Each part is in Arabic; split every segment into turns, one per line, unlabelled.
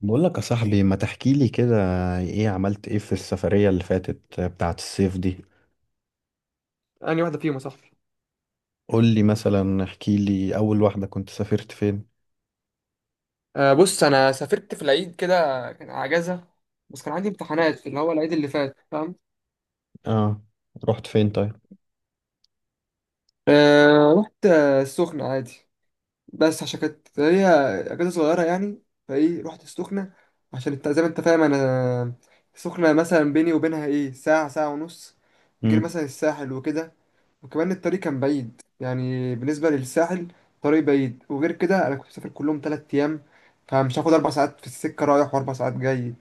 بقول لك يا صاحبي، ما تحكي لي كده. ايه عملت ايه في السفرية اللي فاتت بتاعة الصيف دي؟
انهي واحده فيهم يا صاحبي؟
قول لي مثلا، احكي لي اول واحدة كنت سافرت فين؟
آه بص، انا سافرت في العيد كده. كان اجازه، بس كان عندي امتحانات في اللي هو العيد اللي فات، فاهم؟
اه، رحت فين طيب؟
آه رحت، السخنه عادي، بس عشان كانت هي اجازه صغيره يعني، فايه رحت السخنه. عشان انت زي ما انت فاهم، انا السخنه مثلا بيني وبينها ايه ساعه، ساعه ونص، غير
امم.
مثلا الساحل وكده. وكمان الطريق كان بعيد يعني بالنسبه للساحل، طريق بعيد. وغير كده، انا كنت مسافر كلهم 3 ايام، فمش هاخد 4 ساعات في السكه رايح واربع ساعات جاي.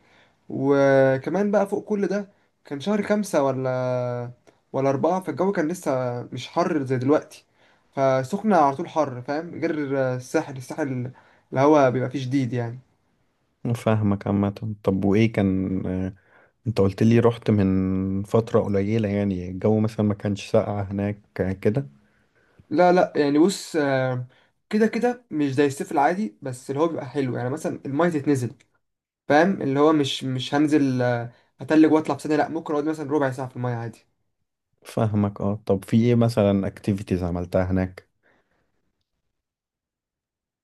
وكمان بقى فوق كل ده، كان شهر خمسة ولا أربعة، فالجو كان لسه مش حر زي دلوقتي. فسخنة على طول حر، فاهم؟ غير الساحل الهوا بيبقى فيه شديد يعني.
فاهمك عامة. طب وايه كان، انت قلت لي رحت من فترة قليلة، يعني الجو مثلا ما كانش ساقع هناك كده؟
لا لا يعني، بص، كده كده مش زي الصيف العادي، بس اللي هو بيبقى حلو يعني، مثلا المية تتنزل، فاهم. اللي هو مش هنزل هتلج واطلع في ثانية، لا، ممكن اقعد مثلا ربع ساعة في المية عادي.
فاهمك. اه طب في ايه مثلا اكتيفيتيز عملتها هناك؟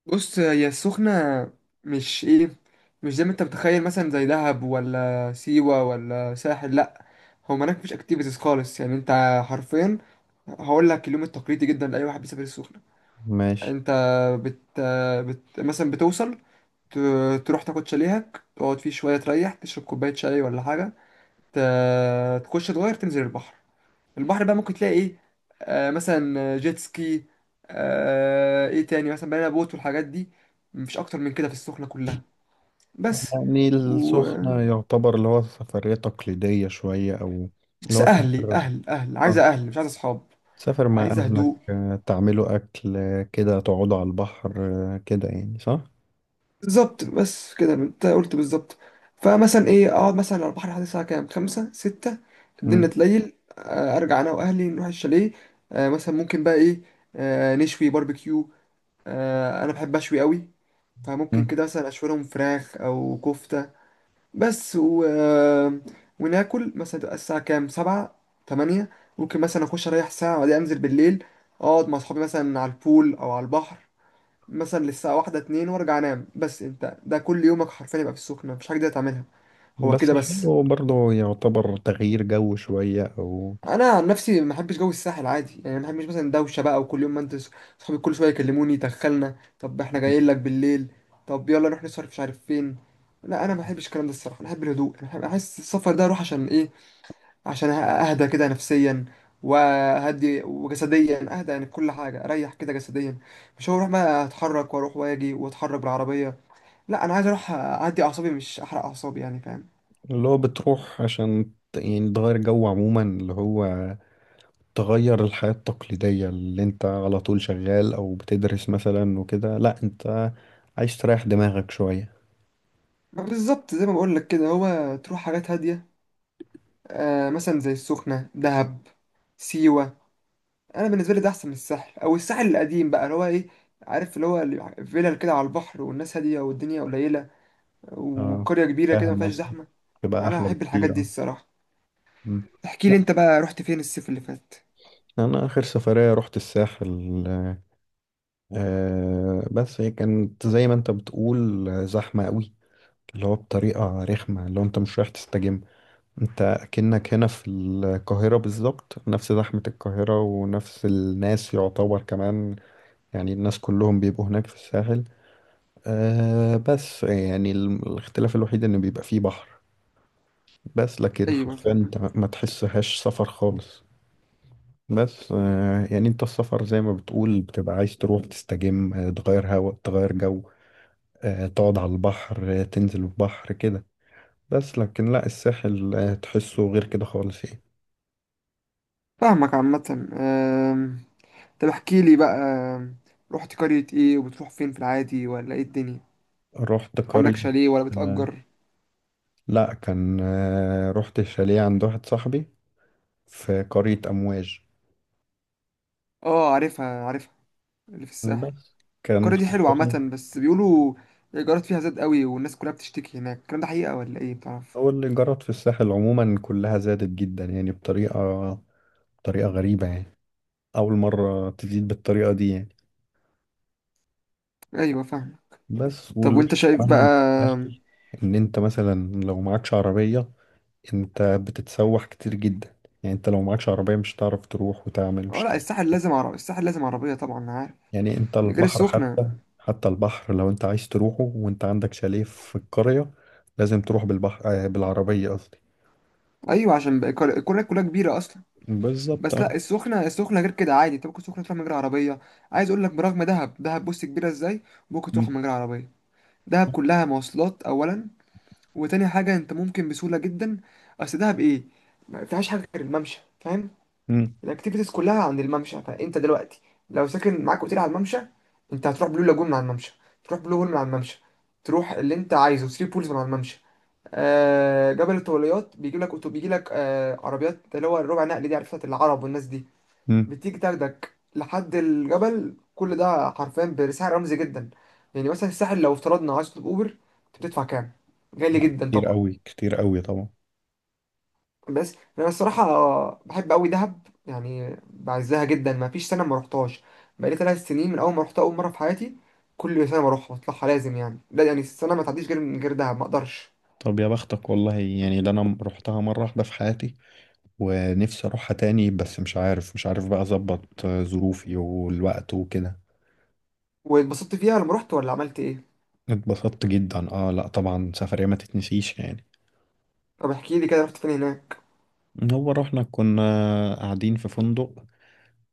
بص، هي السخنة مش ايه، مش زي ما انت متخيل، مثلا زي دهب ولا سيوة ولا ساحل، لا. هو هناك مفيش اكتيفيتيز خالص يعني. انت حرفيا هقول لك اليوم التقليدي جدا لأي واحد بيسافر السخنة.
ماشي.
انت بت, مثلا بتوصل، ت... تروح تاخد شاليهك، تقعد فيه شوية تريح، تشرب كوباية شاي ولا حاجة، ت... تخش تغير تنزل البحر. البحر بقى ممكن تلاقي ايه؟ آه مثلا جيت سكي، آه ايه تاني مثلا بنانا بوت والحاجات دي. مفيش اكتر من كده في السخنة كلها، بس.
يعني
و
السخنة يعتبر اللي هو سفرية تقليدية شوية، او اللي
بس
هو
اهلي
تقدر-
اهل اهل عايزة، اهل مش عايزة اصحاب،
تسافر مع
عايزة
أهلك،
هدوء.
تعملوا أكل، كده تقعدوا على البحر، كده، يعني صح؟
بالظبط، بس كده انت قلت بالظبط. فمثلا ايه، اقعد مثلا على البحر لحد الساعة كام، خمسة ستة، الدنيا
مم.
تليل، آه ارجع انا واهلي نروح الشاليه. آه مثلا ممكن بقى ايه، آه نشوي باربيكيو. آه انا بحب اشوي قوي، فممكن
مم.
كده مثلا اشويلهم فراخ او كفتة. بس و... وناكل، مثلا تبقى الساعة كام، سبعة تمانية. ممكن مثلا اخش اريح ساعة وبعدين انزل بالليل، اقعد مع اصحابي مثلا على البول او على البحر مثلا للساعة واحدة اتنين، وارجع انام. بس انت ده كل يومك حرفيا يبقى في السخنة، مفيش حاجة تقدر تعملها. هو
بس
كده بس.
حلو برضه، يعتبر تغيير جو شوية، أو
انا عن نفسي ما بحبش جو الساحل عادي، يعني ما بحبش مثلا دوشه بقى، وكل يوم ما انت، صحابي كل شويه يكلموني دخلنا، طب احنا جايين لك بالليل، طب يلا نروح نصرف مش عارف فين، لا انا ما بحبش الكلام ده الصراحه. انا بحب الهدوء. انا احس السفر ده اروح عشان ايه، عشان اهدى كده نفسيا، وهدي وجسديا اهدى، يعني كل حاجه اريح كده جسديا، مش هروح بقى اتحرك واروح واجي واتحرك بالعربيه. لا، انا عايز اروح اعدي اعصابي مش احرق اعصابي يعني، فاهم.
اللي هو بتروح عشان يعني تغير جو عموما، اللي هو تغير الحياة التقليدية اللي انت على طول شغال أو بتدرس مثلا وكده، لأ انت عايز تريح دماغك شوية.
ما بالظبط زي ما بقول لك كده، هو تروح حاجات هاديه، آه مثلا زي السخنة، دهب، سيوة. أنا بالنسبة لي ده أحسن من الساحل، أو الساحل القديم بقى اللي هو إيه، عارف، اللي هو فيلل كده على البحر والناس هادية والدنيا قليلة،
اه،
وقرية كبيرة كده
فاهم
مفيهاش
قصدك.
زحمة.
تبقى
أنا
أحلى
أحب الحاجات
بكتير،
دي
اه.
الصراحة.
مم.
احكي لي
لأ،
أنت بقى، رحت فين الصيف اللي فات؟
أنا آخر سفرية رحت الساحل. بس هي كانت زي ما انت بتقول، زحمة قوي، اللي هو بطريقة رخمة، اللي هو انت مش رايح تستجم. انت كأنك هنا في القاهرة بالظبط، نفس زحمة القاهرة ونفس الناس يعتبر كمان، يعني الناس كلهم بيبقوا هناك في الساحل. بس يعني الاختلاف الوحيد ان بيبقى فيه بحر، بس لكن
أيوة
حرفيا
فاهم.
انت ما تحسهاش سفر خالص. بس يعني انت السفر زي ما بتقول بتبقى عايز تروح تستجم، تغير هوا، تغير جو، تقعد على البحر، تنزل البحر كده، بس لكن لا، الساحل تحسه غير كده خالص يعني.
فاهمك عامة، طب احكي لي بقى، رحت قرية إيه، وبتروح فين في العادي ولا إيه الدنيا؟
رحت
عندك
قرية.
شاليه ولا
آه،
بتأجر؟
لا، كان رحت شاليه عند واحد صاحبي في قرية أمواج.
آه عارفها عارفها اللي في الساحل.
بس كان
القرية دي حلوة
حرفياً.
عامة، بس بيقولوا الإيجارات فيها زاد قوي والناس كلها بتشتكي هناك، الكلام ده حقيقة ولا إيه بتعرف؟
هو الإيجارات في الساحل عموما كلها زادت جدا، يعني بطريقة، بطريقة غريبة يعني. أول مرة تزيد بالطريقة دي يعني.
أيوة فاهم.
بس
طب وأنت
والوحش
شايف بقى.
كمان إن أنت مثلا لو معكش عربية، انت بتتسوح كتير جدا. يعني انت لو معكش عربية مش هتعرف تروح وتعمل،
اه
مش
لا،
هتعرف
الساحل
تروح.
لازم عربية، الساحل لازم عربية طبعا أنا عارف.
يعني انت
غير
البحر
السخنة.
حتى، حتى البحر لو انت عايز تروحه وانت عندك شاليه في القرية، لازم تروح بالبحر، بالعربية قصدي.
أيوة عشان بقى القرية كلها كبيرة أصلا.
بالظبط،
بس
اه.
لا، السخنة غير كده عادي، أنت ممكن السخنة تروح من غير عربية. عايز أقول لك برغم دهب بص كبيرة إزاي، ممكن تروح
مم.
من غير عربية. دهب كلها مواصلات أولا، وتاني حاجة أنت ممكن بسهولة جدا، أصل دهب إيه، ما فيهاش حاجة غير الممشى، فاهم.
مم.
الاكتيفيتيز كلها عند الممشى، فانت دلوقتي لو ساكن معاك اوتيل على الممشى، انت هتروح بلو لاجون من على الممشى، تروح بلو هول من على الممشى، تروح اللي انت عايزه ثري بولز من على الممشى. آه جبل الطوليات بيجي لك بيجي لك آه عربيات، اللي هو الربع نقل دي، عرفت العرب والناس دي،
مم.
بتيجي تاخدك لحد الجبل، كل ده حرفيا بسعر رمزي جدا. يعني مثلا الساحل لو افترضنا عايز تطلب اوبر، انت بتدفع كام؟ غالي جدا
كتير
طبعا.
قوي، كتير قوي طبعا.
بس انا الصراحه بحب قوي دهب، يعني بعزها جدا، ما فيش سنه ما روحتهاش، بقالي 3 سنين من اول ما روحتها اول مره في حياتي، كل سنه بروحها بطلعها لازم، يعني لا يعني السنه ما تعديش غير من غير دهب ما اقدرش.
طب يا بختك والله، يعني ده انا رحتها مرة واحدة في حياتي، ونفسي اروحها تاني، بس مش عارف بقى اظبط ظروفي والوقت وكده.
واتبسطت فيها لما رحت ولا عملت ايه؟
اتبسطت جدا، اه، لا طبعا، سفرية ما تتنسيش يعني.
طب احكي لي كده، رحت فين هناك؟
هو رحنا كنا قاعدين في فندق.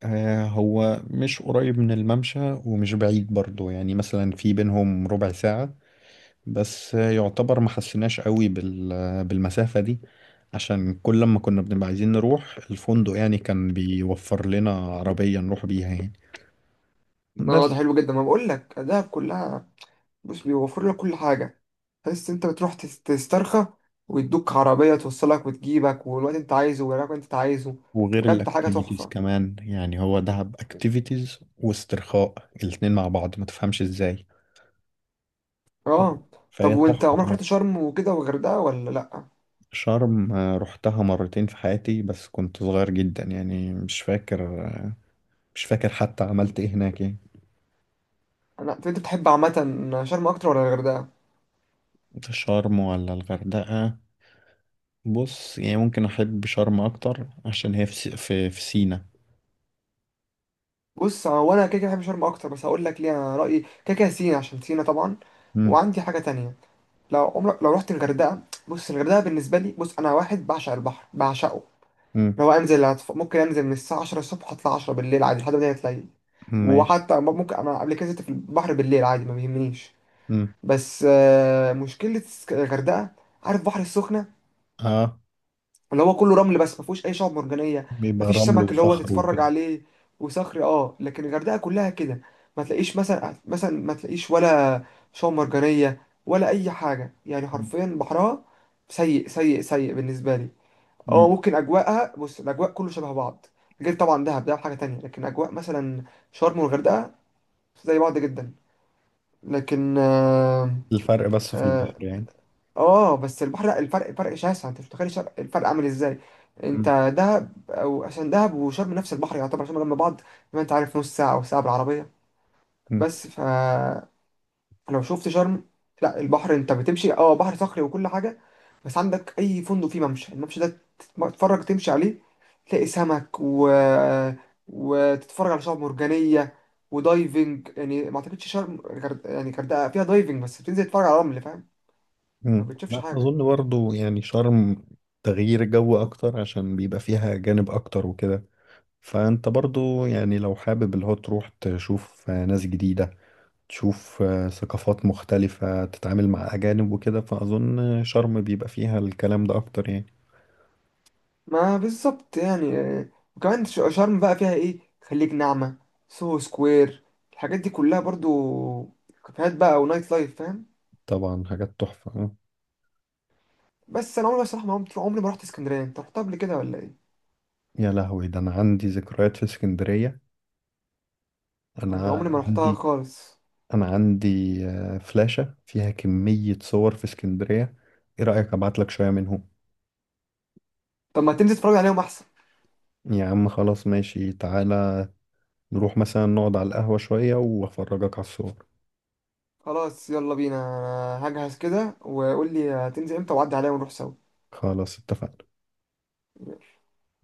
هو مش قريب من الممشى ومش بعيد برضو، يعني مثلا في بينهم ربع ساعة، بس، يعتبر ما حسيناش قوي بالمسافة دي، عشان كل لما كنا بنبقى عايزين نروح الفندق يعني كان بيوفر لنا عربية نروح بيها يعني.
اه ده
بس
حلو جدا، ما بقول لك دهب كلها بص بيوفر لك كل حاجه، تحس انت بتروح تسترخى، ويدوك عربيه توصلك وتجيبك والوقت انت عايزه والوقت انت عايزه،
وغير
بجد حاجه
الاكتيفيتيز
تحفه.
كمان، يعني هو دهب اكتيفيتيز واسترخاء، الاتنين مع بعض ما تفهمش ازاي.
اه طب
فهي تحفة
وانت عمرك
طبعا.
رحت شرم وكده والغردقه ولا لا؟
شرم رحتها مرتين في حياتي، بس كنت صغير جدا يعني، مش فاكر، مش فاكر حتى عملت ايه هناك يعني.
انا انت بتحب عامه شرم اكتر ولا الغردقه؟
شرم ولا الغردقة؟ بص، يعني ممكن أحب شرم أكتر عشان هي في في سينا.
بص، هو انا كده كده بحب شرم اكتر، بس هقول لك ليه، انا رايي كده كده سينا، عشان سينا طبعا.
مم.
وعندي حاجه تانية، لو عمرك لو رحت الغردقه. بص الغردقه بالنسبه لي، بص انا واحد بعشق البحر، بعشقه،
مم.
لو انزل ممكن انزل من الساعه 10 الصبح اطلع 10 بالليل عادي لحد ما تلاقي.
ماشي.
وحتى ممكن انا قبل كده نزلت في البحر بالليل عادي، ما بيهمنيش.
مم.
بس مشكله الغردقه، عارف بحر السخنه،
اه،
اللي هو كله رمل، بس ما فيهوش اي شعاب مرجانيه، ما
بيبقى
فيش
رمل
سمك اللي هو
وصخر
تتفرج
وكده.
عليه، وصخري اه. لكن الغردقه كلها كده، ما تلاقيش مثلا ما تلاقيش ولا شعاب مرجانيه ولا اي حاجه، يعني حرفيا بحرها سيء سيء سيء بالنسبه لي. اه
مم.
ممكن اجواءها، بص الاجواء كله شبه بعض، غير طبعا دهب حاجه تانية، لكن اجواء مثلا شرم والغردقه زي بعض جدا. لكن آه،
الفرق بس في
آه،
البحر يعني.
اه بس البحر لا، الفرق فرق شاسع، انت مش متخيل الفرق عامل ازاي.
مم.
انت دهب او عشان دهب وشرم نفس البحر يعتبر، عشان جنب بعض زي ما انت عارف نص ساعه او ساعه بالعربيه،
مم.
بس ف لو شفت شرم، لا البحر انت بتمشي اه بحر صخري وكل حاجه، بس عندك اي فندق فيه ممشى، الممشى ده تتفرج تمشي عليه، تلاقي سمك وتتفرج على شعاب مرجانيه، ودايفنج يعني، ما اعتقدش شرم يعني غردقه فيها دايفنج، بس بتنزل تتفرج على رمل فاهم، ما
مم.
بتشوفش
لا
حاجه.
أظن، برضو يعني شرم تغيير جو أكتر، عشان بيبقى فيها أجانب أكتر وكده. فانت برضو يعني لو حابب اللي هو تروح تشوف ناس جديدة، تشوف ثقافات مختلفة، تتعامل مع أجانب وكده، فأظن شرم بيبقى فيها الكلام ده أكتر يعني.
ما بالظبط يعني، وكمان شرم بقى فيها ايه، خليج نعمة، سوهو سكوير، الحاجات دي كلها برضو، كافيهات بقى ونايت لايف فاهم.
طبعا حاجات تحفة.
بس انا عمري بصراحة، ما عمري عمري ما رحت اسكندرية، انت رحتها قبل كده ولا ايه؟
يا لهوي، ده أنا عندي ذكريات في اسكندرية.
انا
أنا
عمري ما رحتها
عندي
خالص.
أنا عندي فلاشة فيها كمية صور في اسكندرية. إيه رأيك أبعت لك شوية منهم؟
طب ما تنزل تتفرج عليهم احسن.
يا عم خلاص، ماشي، تعالى نروح مثلا نقعد على القهوة شوية وأفرجك على الصور.
خلاص يلا بينا، أنا هجهز كده، وقول لي هتنزل امتى وعدي عليا ونروح سوا.
خلاص، اتفقنا.